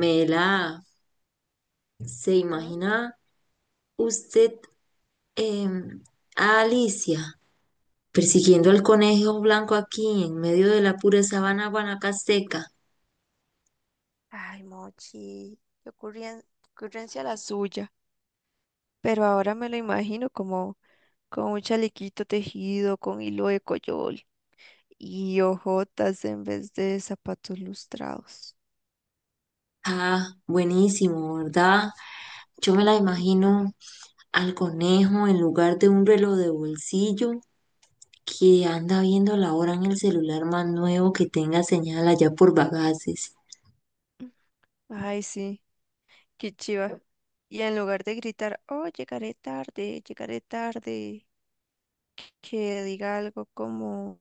Mela, ¿se ¿Mm? imagina usted em, a Alicia persiguiendo al conejo blanco aquí en medio de la pura sabana guanacasteca? Ay, Mochi, ocurrencia la suya. Pero ahora me lo imagino como con un chalequito tejido, con hilo de coyol y ojotas en vez de zapatos lustrados. Ah, buenísimo, ¿verdad? Yo me la Ujú. imagino al conejo en lugar de un reloj de bolsillo que anda viendo la hora en el celular más nuevo que tenga señal allá por Bagaces. Ay, sí, qué chiva. Y en lugar de gritar, oh, llegaré tarde, que diga algo como...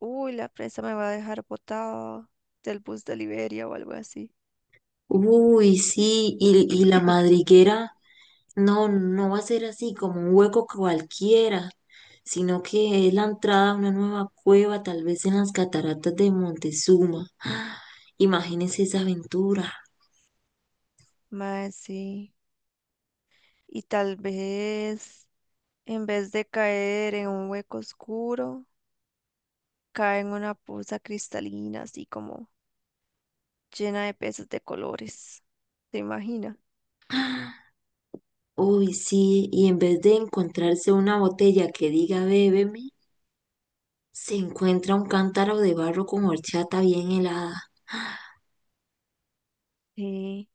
Uy, la prensa me va a dejar botada del bus de Liberia o algo así. Uy, sí, y la madriguera. No, no va a ser así como un hueco cualquiera, sino que es la entrada a una nueva cueva, tal vez en las cataratas de Montezuma. ¡Ah! Imagínense esa aventura. Mae, sí. Y tal vez, en vez de caer en un hueco oscuro, cae en una poza cristalina, así como llena de peces de colores. ¿Te imaginas? Uy, sí, y en vez de encontrarse una botella que diga bébeme, se encuentra un cántaro de barro con horchata bien helada. Sí,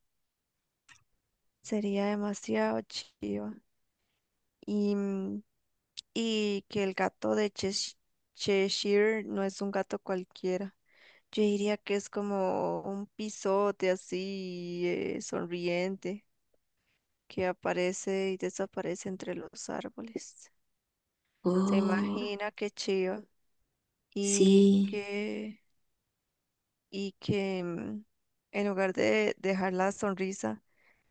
sería demasiado chiva. Y mm, y que el gato de Cheshire no es un gato cualquiera. Yo diría que es como un pisote así, sonriente, que aparece y desaparece entre los árboles. Se Oh, imagina qué chiva y sí, que y que en lugar de dejar la sonrisa,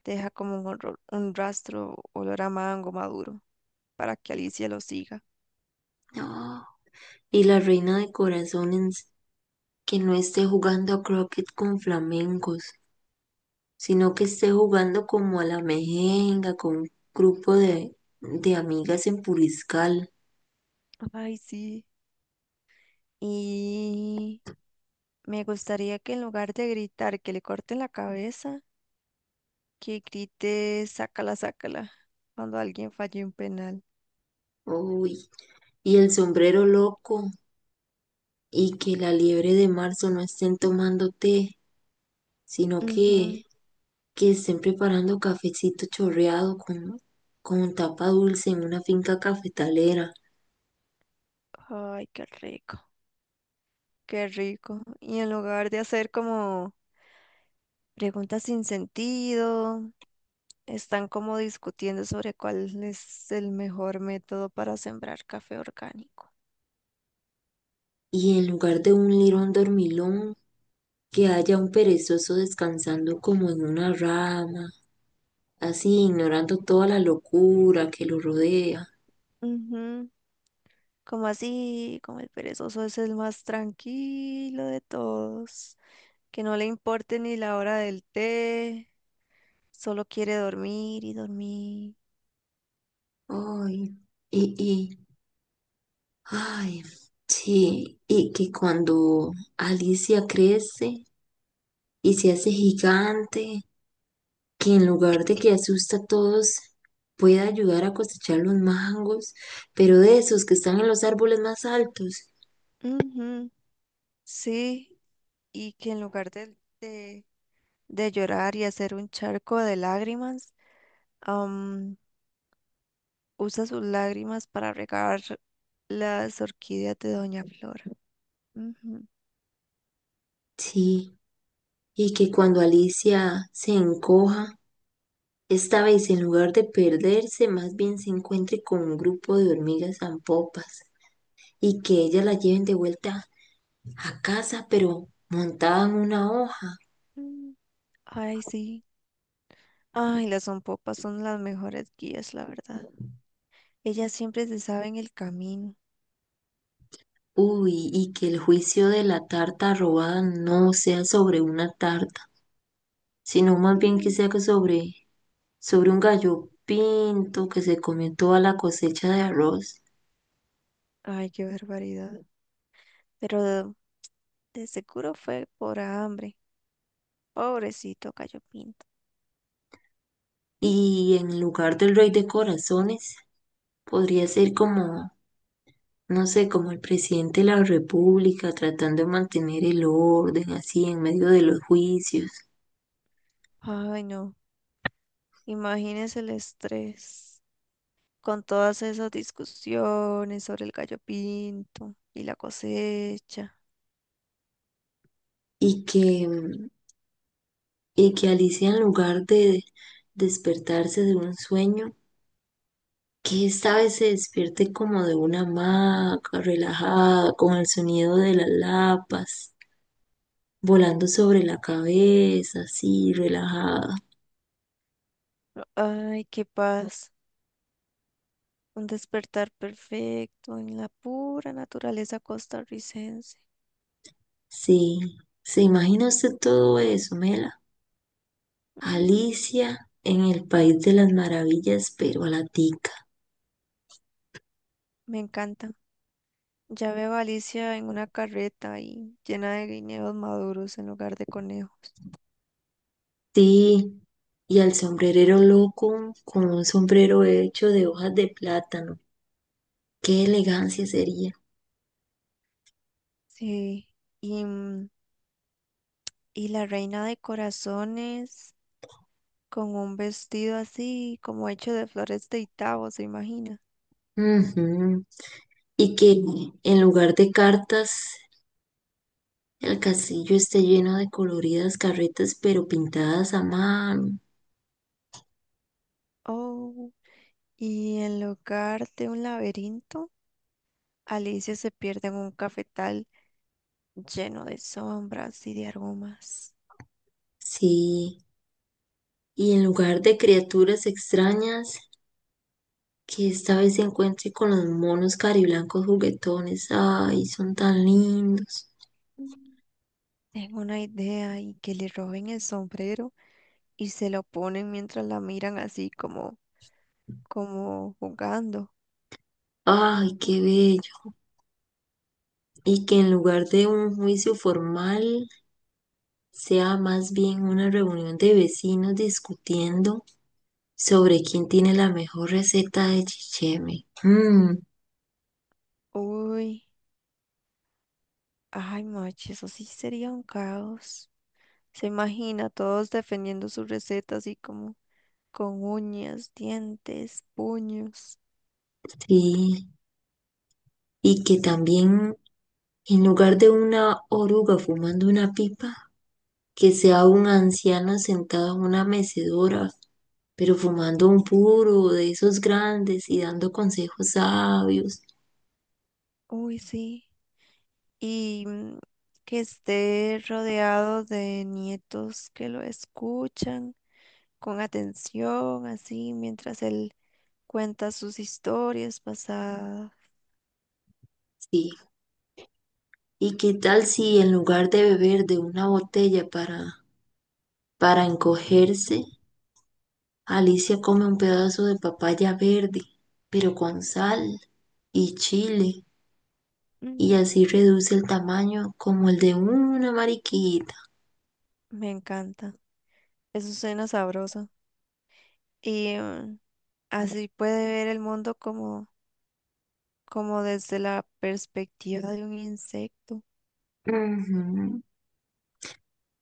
deja como un, un rastro olor a mango maduro para que Alicia lo siga. no. Y la reina de corazones que no esté jugando a croquet con flamencos, sino que esté jugando como a la mejenga con un grupo de amigas en Puriscal. Ay, sí. Y me gustaría que en lugar de gritar que le corten la cabeza, que grite sácala, sácala cuando alguien falle un penal. Uy, y el sombrero loco, y que la liebre de marzo no estén tomando té, sino Ujú. que, que estén preparando cafecito chorreado con tapa dulce en una finca cafetalera, Ay, qué rico. Qué rico. Y en lugar de hacer como preguntas sin sentido, están como discutiendo sobre cuál es el mejor método para sembrar café orgánico. y en lugar de un lirón dormilón, que haya un perezoso descansando como en una rama, así ignorando toda la locura que lo rodea. Ujú. Como así, como el perezoso es el más tranquilo de todos, que no le importe ni la hora del té, solo quiere dormir y dormir. Ay, y, y, ay, sí, y que cuando Alicia crece y se hace gigante, que en lugar de que asusta a todos, pueda ayudar a cosechar los mangos, pero de esos que están en los árboles más altos. Ujú. Sí, y que en lugar de té de llorar y hacer un charco de lágrimas, usa sus lágrimas para regar las orquídeas de Doña Flora. Ujú. Sí, y que cuando Alicia se encoja, esta vez en lugar de perderse, más bien se encuentre con un grupo de hormigas zampopas y que ellas la lleven de vuelta a casa, pero montada en una hoja. Mm, ay, sí. Ay, las zompopas son las mejores guías, la verdad. Ellas siempre se saben el camino. Uy, y que el juicio de la tarta robada no sea sobre una tarta, sino más bien que Mm, sea sobre un gallo pinto que se comió toda la cosecha de arroz. ay, qué barbaridad. Pero de, de seguro fue por hambre. Pobrecito Gallo Pinto. Y en lugar del rey de corazones, podría ser como, no sé, como el presidente de la república tratando de mantener el orden así en medio de los juicios. Ay, no. Imagínese el estrés con todas esas discusiones sobre el Gallo Pinto y la cosecha. Y y que Alicia en lugar de despertarse de un sueño, que esta vez se despierte como de una hamaca, relajada, con el sonido de las lapas, volando sobre la cabeza, así, relajada. Ay, qué paz. Un despertar perfecto en la pura naturaleza costarricense. Sí, ¿se imagina usted todo eso, Mela? Mm, Alicia en el país de las maravillas, pero a la tica. me encanta. Ya veo a Alicia en una carreta y llena de guineos maduros en lugar de conejos. Sí, y al sombrerero loco con un sombrero hecho de hojas de plátano. ¡Qué elegancia sería! Sí. Y, mm, y la reina de corazones con un vestido así como hecho de flores de Itabo, ¿se imagina? Ujú. Y que en lugar de cartas, el castillo esté lleno de coloridas carretas, pero pintadas a mano. Oh. Y en lugar de un laberinto, Alicia se pierde en un cafetal lleno de sombras y de aromas. Sí. Y en lugar de criaturas extrañas, que esta vez se encuentre con los monos cariblancos juguetones. Ay, son tan lindos. Tengo una idea y que le roben el sombrero y se lo ponen mientras la miran como jugando. Ay, qué bello. Y que en lugar de un juicio formal, sea más bien una reunión de vecinos discutiendo sobre quién tiene la mejor receta de chicheme. Mm, Uy, ay, macho, eso sí sería un caos. Se imagina todos defendiendo su receta así como con uñas, dientes, puños. sí, y que también en lugar de una oruga fumando una pipa, que sea un anciano sentado en una mecedora, pero fumando un puro de esos grandes y dando consejos sabios. Uy, sí. Y mm, que esté rodeado de nietos que lo escuchan con atención, así mientras él cuenta sus historias pasadas. Sí, ¿y qué tal si en lugar de beber de una botella para encogerse, Alicia come un pedazo de papaya verde, pero con sal y chile? Y Mm, así reduce el tamaño como el de una mariquita. me encanta. Eso suena sabroso. Y mm, así puede ver el mundo como, como desde la perspectiva de un insecto. Ujú.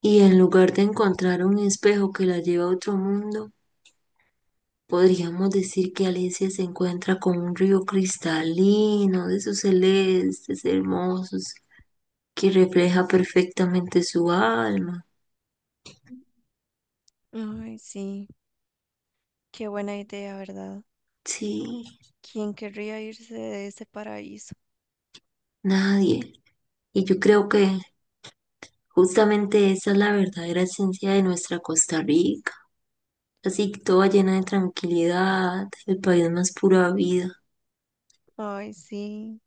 Y en lugar de encontrar un espejo que la lleva a otro mundo, podríamos decir que Alicia se encuentra con un río cristalino de sus celestes hermosos que refleja perfectamente su alma. Ay, sí, qué buena idea, ¿verdad? Sí, ¿Quién querría irse de ese paraíso? nadie. Y yo creo que justamente esa es la verdadera esencia de nuestra Costa Rica. Así toda llena de tranquilidad, el país más pura vida. Ay, sí,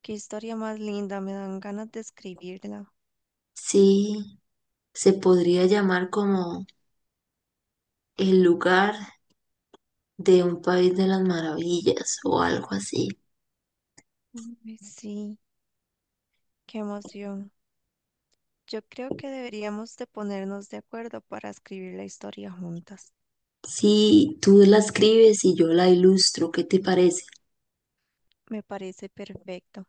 qué historia más linda, me dan ganas de escribirla. Sí, se podría llamar como el lugar de un país de las maravillas o algo así. Ay, sí, qué emoción. Yo creo que deberíamos de ponernos de acuerdo para escribir la historia juntas. Sí, tú la escribes y yo la ilustro, ¿qué te parece? Me parece perfecto.